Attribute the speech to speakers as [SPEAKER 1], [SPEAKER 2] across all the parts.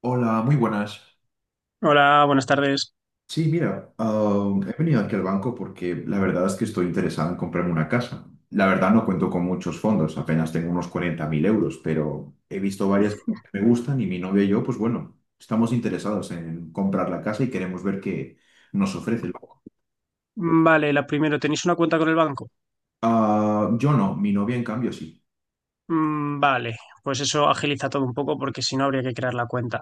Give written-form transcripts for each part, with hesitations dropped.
[SPEAKER 1] Hola, muy buenas.
[SPEAKER 2] Hola, buenas tardes.
[SPEAKER 1] Sí, mira, he venido aquí al banco porque la verdad es que estoy interesado en comprarme una casa. La verdad no cuento con muchos fondos, apenas tengo unos 40.000 euros, pero he visto varias que me gustan y mi novia y yo, pues bueno, estamos interesados en comprar la casa y queremos ver qué nos ofrece el banco.
[SPEAKER 2] Vale, la primero, ¿tenéis una cuenta con el banco?
[SPEAKER 1] Ah, yo no, mi novia en cambio sí.
[SPEAKER 2] Vale, pues eso agiliza todo un poco porque si no habría que crear la cuenta.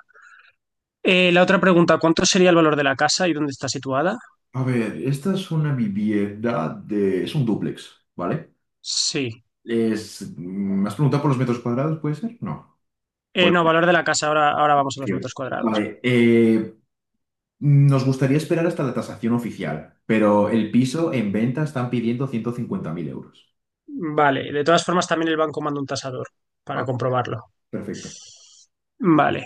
[SPEAKER 2] La otra pregunta, ¿cuánto sería el valor de la casa y dónde está situada?
[SPEAKER 1] A ver, esta es una vivienda de... es un dúplex, ¿vale?
[SPEAKER 2] Sí.
[SPEAKER 1] Es... ¿me has preguntado por los metros cuadrados, puede ser? No.
[SPEAKER 2] No, valor de la casa, ahora, ahora vamos a los
[SPEAKER 1] Tío.
[SPEAKER 2] metros cuadrados.
[SPEAKER 1] Vale, nos gustaría esperar hasta la tasación oficial, pero el piso en venta están pidiendo 150.000 euros.
[SPEAKER 2] Vale, de todas formas también el banco manda un tasador para
[SPEAKER 1] Ah,
[SPEAKER 2] comprobarlo.
[SPEAKER 1] perfecto.
[SPEAKER 2] Vale,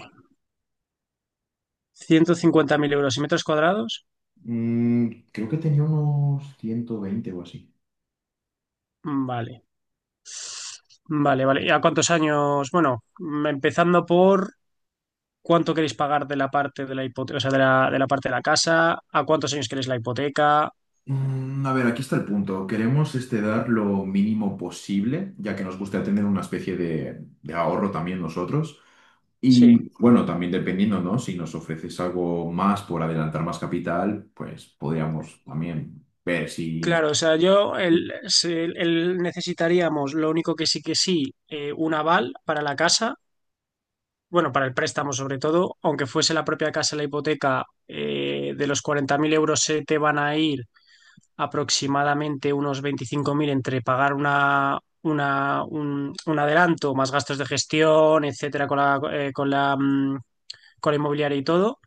[SPEAKER 2] 150.000 € y metros cuadrados.
[SPEAKER 1] Mm, creo que tenía unos 120 o así.
[SPEAKER 2] Vale, vale, vale. ¿Y a cuántos años? Bueno, empezando por cuánto queréis pagar de la parte de la hipoteca, o sea, de la parte de la casa, a cuántos años queréis la hipoteca.
[SPEAKER 1] Mm, a ver, aquí está el punto. Queremos este, dar lo mínimo posible, ya que nos gusta tener una especie de ahorro también nosotros.
[SPEAKER 2] Sí,
[SPEAKER 1] Y bueno, también dependiendo, ¿no? Si nos ofreces algo más por adelantar más capital, pues podríamos también ver si...
[SPEAKER 2] claro, o sea, yo necesitaríamos, lo único que sí, un aval para la casa, bueno, para el préstamo sobre todo, aunque fuese la propia casa la hipoteca, de los 40.000 € se te van a ir aproximadamente unos 25.000 entre pagar un adelanto, más gastos de gestión, etcétera, con la inmobiliaria y todo,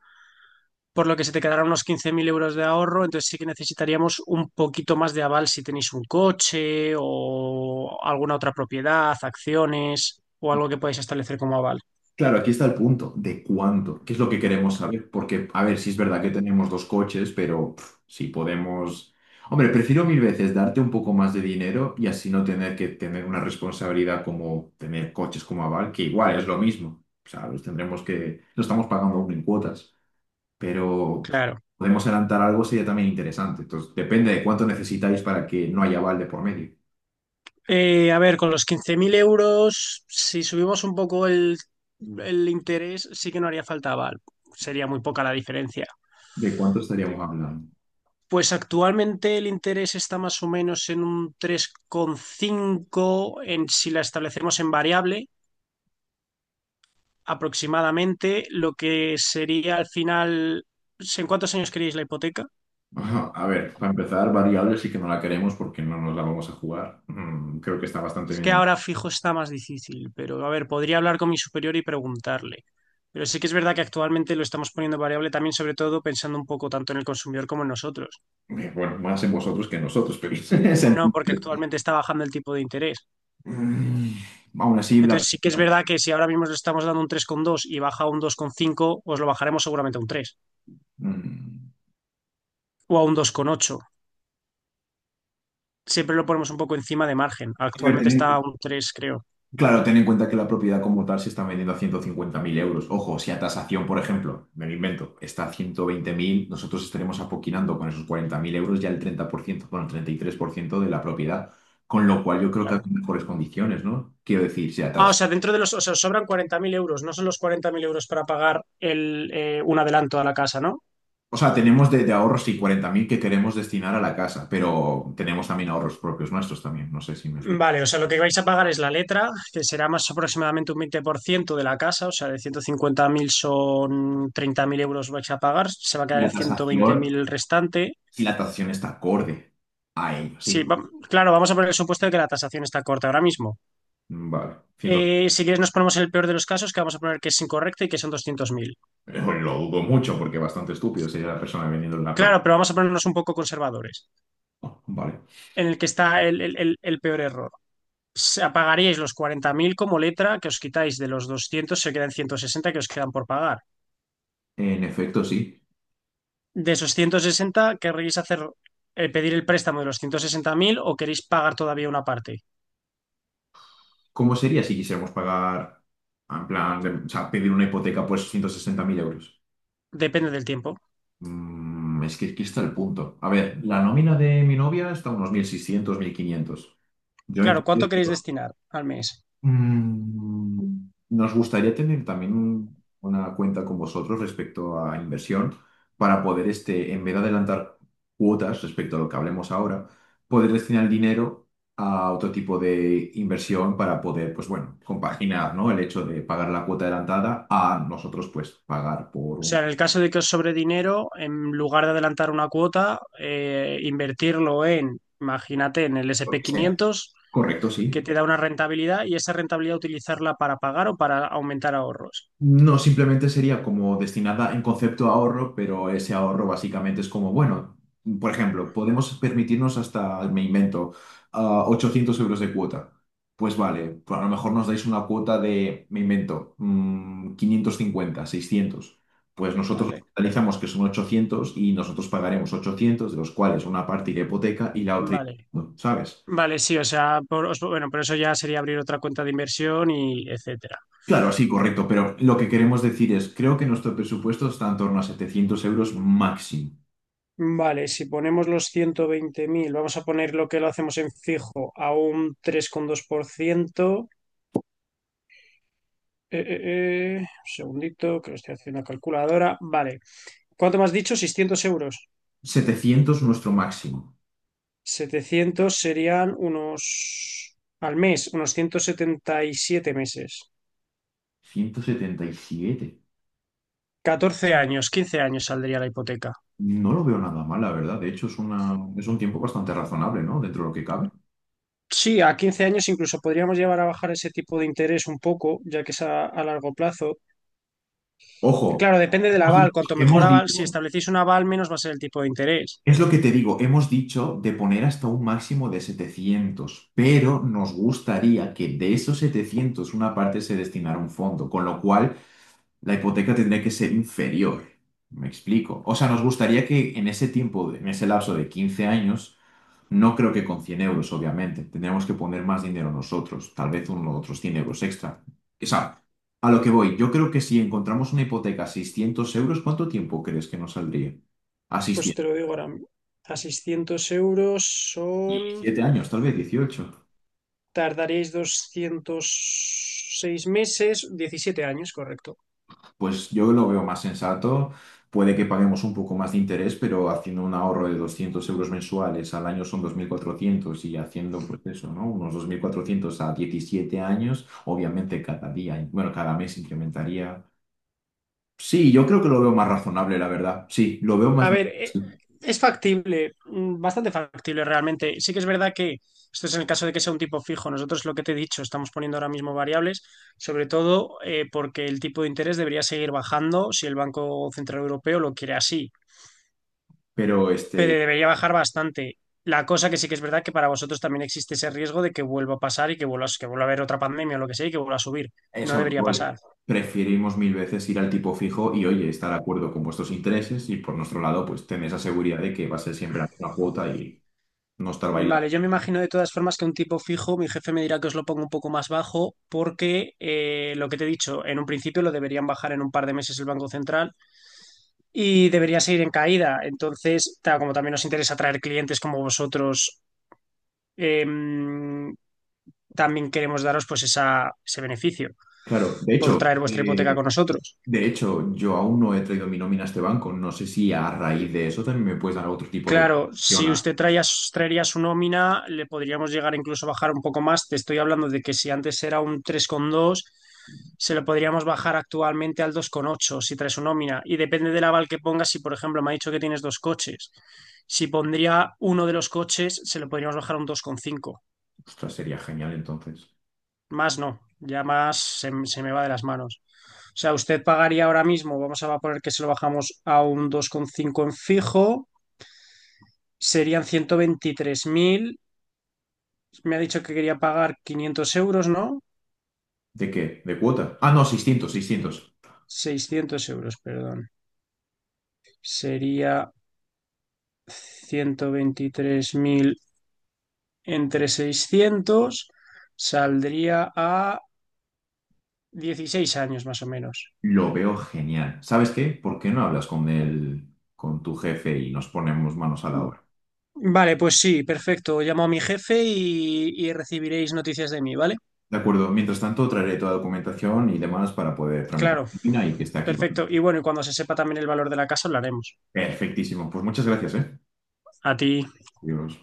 [SPEAKER 2] por lo que se te quedarán unos 15.000 € de ahorro. Entonces sí que necesitaríamos un poquito más de aval si tenéis un coche o alguna otra propiedad, acciones o algo que podáis establecer como aval.
[SPEAKER 1] Claro, aquí está el punto de cuánto, qué es lo que queremos saber, porque, a ver, si es verdad que tenemos dos coches, pero pff, si podemos... Hombre, prefiero mil veces darte un poco más de dinero y así no tener que tener una responsabilidad como tener coches como aval, que igual es lo mismo. O sea, los tendremos que... Lo estamos pagando aún en cuotas, pero pff,
[SPEAKER 2] Claro.
[SPEAKER 1] podemos adelantar algo sería también interesante. Entonces, depende de cuánto necesitáis para que no haya aval de por medio.
[SPEAKER 2] A ver, con los 15.000 euros, si subimos un poco el interés, sí que no haría falta aval. Sería muy poca la diferencia.
[SPEAKER 1] ¿De cuánto estaríamos hablando?
[SPEAKER 2] Pues actualmente el interés está más o menos en un 3,5 en si la establecemos en variable, aproximadamente lo que sería al final. ¿Sí? ¿En cuántos años queréis la hipoteca?
[SPEAKER 1] Ajá, a ver, para empezar, variable sí que no la queremos porque no nos la vamos a jugar. Mm, creo que está bastante
[SPEAKER 2] Es que
[SPEAKER 1] bien.
[SPEAKER 2] ahora fijo está más difícil, pero a ver, podría hablar con mi superior y preguntarle. Pero sí que es verdad que actualmente lo estamos poniendo variable también, sobre todo pensando un poco tanto en el consumidor como en nosotros.
[SPEAKER 1] Bueno, más en vosotros que en nosotros, pero es
[SPEAKER 2] No, porque
[SPEAKER 1] entendible.
[SPEAKER 2] actualmente está bajando el tipo de interés.
[SPEAKER 1] Mm, aún así, la...
[SPEAKER 2] Entonces sí que es verdad que si ahora mismo le estamos dando un 3,2 y baja a un 2,5, os lo bajaremos seguramente a un 3
[SPEAKER 1] mm,
[SPEAKER 2] o a un 2,8. Siempre lo ponemos un poco encima de margen.
[SPEAKER 1] a ver,
[SPEAKER 2] Actualmente está a un tres, creo.
[SPEAKER 1] claro, ten en cuenta que la propiedad como tal se está vendiendo a 150.000 euros. Ojo, si a tasación, por ejemplo, me lo invento, está a 120.000. Nosotros estaremos apoquinando con esos 40.000 euros ya el 30%, bueno, el 33% de la propiedad. Con lo cual yo creo que hay
[SPEAKER 2] Claro.
[SPEAKER 1] mejores condiciones, ¿no? Quiero decir, si a
[SPEAKER 2] Ah, o
[SPEAKER 1] tas-...
[SPEAKER 2] sea, dentro de los, o sea, sobran 40.000 euros, no son los 40.000 € para pagar un adelanto a la casa, ¿no?
[SPEAKER 1] O sea, tenemos de ahorros y 40.000 que queremos destinar a la casa, pero tenemos también ahorros propios nuestros también. No sé si me explico.
[SPEAKER 2] Vale, o sea, lo que vais a pagar es la letra, que será más aproximadamente un 20% de la casa, o sea, de 150.000 son 30.000 € vais a pagar, se va a
[SPEAKER 1] Y
[SPEAKER 2] quedar en
[SPEAKER 1] la
[SPEAKER 2] ciento veinte
[SPEAKER 1] tasación,
[SPEAKER 2] mil el restante.
[SPEAKER 1] si la tasación está acorde a ello,
[SPEAKER 2] Sí,
[SPEAKER 1] sí.
[SPEAKER 2] claro, vamos a poner el supuesto de que la tasación está corta ahora mismo.
[SPEAKER 1] Vale. Ciento-...
[SPEAKER 2] Si quieres, nos ponemos en el peor de los casos, que vamos a poner que es incorrecta y que son 200.000.
[SPEAKER 1] Lo dudo mucho porque bastante estúpido sería la persona vendiendo la
[SPEAKER 2] Claro,
[SPEAKER 1] propia.
[SPEAKER 2] pero vamos a ponernos un poco conservadores,
[SPEAKER 1] Oh, vale.
[SPEAKER 2] en el que está el peor error. Se apagaríais los 40.000 como letra que os quitáis de los 200, se quedan 160 que os quedan por pagar.
[SPEAKER 1] En efecto, sí.
[SPEAKER 2] De esos 160, ¿querréis pedir el préstamo de los 160.000 o queréis pagar todavía una parte?
[SPEAKER 1] ¿Cómo sería si quisiéramos pagar, en plan, o sea, pedir una hipoteca por esos 160.000 euros?
[SPEAKER 2] Depende del tiempo.
[SPEAKER 1] Mm, es que aquí está el punto. A ver, la nómina de mi novia está a unos mil 1.500. Yo en
[SPEAKER 2] Claro, ¿cuánto
[SPEAKER 1] cambio...
[SPEAKER 2] queréis destinar al mes?
[SPEAKER 1] Mm, nos gustaría tener también una cuenta con vosotros respecto a inversión para poder, este, en vez de adelantar cuotas respecto a lo que hablemos ahora, poder destinar el dinero a otro tipo de inversión para poder, pues bueno, compaginar, ¿no? El hecho de pagar la cuota adelantada a nosotros, pues, pagar por
[SPEAKER 2] O sea,
[SPEAKER 1] un...
[SPEAKER 2] en el caso de que os sobre dinero, en lugar de adelantar una cuota, invertirlo imagínate, en el sp
[SPEAKER 1] Lo que sea.
[SPEAKER 2] quinientos
[SPEAKER 1] Correcto, sí.
[SPEAKER 2] que te da una rentabilidad y esa rentabilidad utilizarla para pagar o para aumentar ahorros.
[SPEAKER 1] No, simplemente sería como destinada en concepto a ahorro, pero ese ahorro básicamente es como, bueno, por ejemplo, podemos permitirnos hasta, me invento, 800 euros de cuota. Pues vale, pues a lo mejor nos dais una cuota de, me invento, 550, 600 Pues nosotros
[SPEAKER 2] Vale,
[SPEAKER 1] realizamos que son 800 y nosotros pagaremos 800, de los cuales una parte irá a hipoteca y la otra,
[SPEAKER 2] vale.
[SPEAKER 1] no, ¿sabes?
[SPEAKER 2] Vale, sí, o sea, bueno, por eso ya sería abrir otra cuenta de inversión y etcétera.
[SPEAKER 1] Claro, sí, correcto, pero lo que queremos decir es, creo que nuestro presupuesto está en torno a 700 euros máximo.
[SPEAKER 2] Vale, si ponemos los 120.000, vamos a poner lo que lo hacemos en fijo a un 3,2%. Eh, eh, un segundito, que lo estoy haciendo en la calculadora. Vale, ¿cuánto me has dicho? Seiscientos euros.
[SPEAKER 1] 700 nuestro máximo.
[SPEAKER 2] 700 serían al mes, unos 177 meses.
[SPEAKER 1] 177.
[SPEAKER 2] 14 años, 15 años saldría la hipoteca.
[SPEAKER 1] No lo veo nada mal, la verdad. De hecho, es una, es un tiempo bastante razonable, ¿no? Dentro de lo que cabe.
[SPEAKER 2] Sí, a 15 años incluso podríamos llevar a bajar ese tipo de interés un poco, ya que es a largo plazo.
[SPEAKER 1] Ojo,
[SPEAKER 2] Claro, depende del aval.
[SPEAKER 1] y
[SPEAKER 2] Cuanto mejor
[SPEAKER 1] hemos
[SPEAKER 2] aval, si
[SPEAKER 1] dicho,
[SPEAKER 2] establecéis un aval, menos va a ser el tipo de interés.
[SPEAKER 1] es lo que te digo, hemos dicho de poner hasta un máximo de 700, pero nos gustaría que de esos 700 una parte se destinara a un fondo, con lo cual la hipoteca tendría que ser inferior. ¿Me explico? O sea, nos gustaría que en ese tiempo, en ese lapso de 15 años, no creo que con 100 euros, obviamente, tendríamos que poner más dinero nosotros, tal vez unos otros 100 euros extra. O sea, a lo que voy, yo creo que si encontramos una hipoteca a 600 euros, ¿cuánto tiempo crees que nos saldría? A
[SPEAKER 2] Pues te
[SPEAKER 1] 600.
[SPEAKER 2] lo digo ahora. A 600 € son...
[SPEAKER 1] 17 años, tal vez 18.
[SPEAKER 2] Tardaréis 206 meses, 17 años, correcto.
[SPEAKER 1] Pues yo lo veo más sensato. Puede que paguemos un poco más de interés, pero haciendo un ahorro de 200 euros mensuales al año son 2.400, y haciendo, pues eso, ¿no? Unos 2.400 a 17 años, obviamente cada día, bueno, cada mes incrementaría. Sí, yo creo que lo veo más razonable, la verdad. Sí, lo veo más,
[SPEAKER 2] A ver,
[SPEAKER 1] sí,
[SPEAKER 2] es factible, bastante factible realmente. Sí que es verdad que esto es en el caso de que sea un tipo fijo. Nosotros, lo que te he dicho, estamos poniendo ahora mismo variables, sobre todo porque el tipo de interés debería seguir bajando si el Banco Central Europeo lo quiere así,
[SPEAKER 1] pero
[SPEAKER 2] pero
[SPEAKER 1] este,
[SPEAKER 2] debería bajar bastante. La cosa que sí que es verdad que para vosotros también existe ese riesgo de que vuelva a pasar y que vuelva, que vuelva a haber otra pandemia o lo que sea y que vuelva a subir. No
[SPEAKER 1] eso lo
[SPEAKER 2] debería
[SPEAKER 1] voy.
[SPEAKER 2] pasar.
[SPEAKER 1] Preferimos mil veces ir al tipo fijo y, oye, estar de acuerdo con vuestros intereses y por nuestro lado, pues tener esa seguridad de que va a ser siempre la misma cuota y no estar
[SPEAKER 2] Vale,
[SPEAKER 1] bailando.
[SPEAKER 2] yo me imagino de todas formas que un tipo fijo, mi jefe me dirá que os lo pongo un poco más bajo porque lo que te he dicho, en un principio lo deberían bajar en un par de meses el Banco Central y debería seguir en caída. Entonces, como también nos interesa atraer clientes como vosotros, em, también queremos daros pues ese beneficio
[SPEAKER 1] Claro, de
[SPEAKER 2] por
[SPEAKER 1] hecho,
[SPEAKER 2] traer vuestra hipoteca
[SPEAKER 1] eh,
[SPEAKER 2] con nosotros.
[SPEAKER 1] de hecho, yo aún no he traído mi nómina a este banco. No sé si a raíz de eso también me puedes dar otro tipo de
[SPEAKER 2] Claro,
[SPEAKER 1] opción.
[SPEAKER 2] si
[SPEAKER 1] A-...
[SPEAKER 2] usted traía, traería su nómina, le podríamos llegar incluso a bajar un poco más. Te estoy hablando de que si antes era un 3,2, se lo podríamos bajar actualmente al 2,8 si trae su nómina. Y depende del aval que pongas, si por ejemplo me ha dicho que tienes dos coches, si pondría uno de los coches, se lo podríamos bajar a un 2,5.
[SPEAKER 1] Ostras, sería genial entonces.
[SPEAKER 2] Más no, ya más se me va de las manos. O sea, usted pagaría ahora mismo, vamos a poner que se lo bajamos a un 2,5 en fijo, serían 123.000. Me ha dicho que quería pagar 500 euros, ¿no?
[SPEAKER 1] ¿De qué? ¿De cuota? Ah, no, 600, 600.
[SPEAKER 2] Seiscientos euros, perdón. Sería 123.000 entre 600, saldría a 16 años más o menos.
[SPEAKER 1] Lo veo genial. ¿Sabes qué? ¿Por qué no hablas con el, con tu jefe y nos ponemos manos a la obra?
[SPEAKER 2] Vale, pues sí, perfecto. Llamo a mi jefe y, recibiréis noticias de mí, ¿vale?
[SPEAKER 1] De acuerdo, mientras tanto traeré toda la documentación y demás para poder tramitar la
[SPEAKER 2] Claro,
[SPEAKER 1] nómina y que esté aquí. ¿Vale?
[SPEAKER 2] perfecto. Y bueno, y cuando se sepa también el valor de la casa, hablaremos.
[SPEAKER 1] Perfectísimo. Pues muchas gracias, ¿eh?
[SPEAKER 2] A ti.
[SPEAKER 1] Adiós.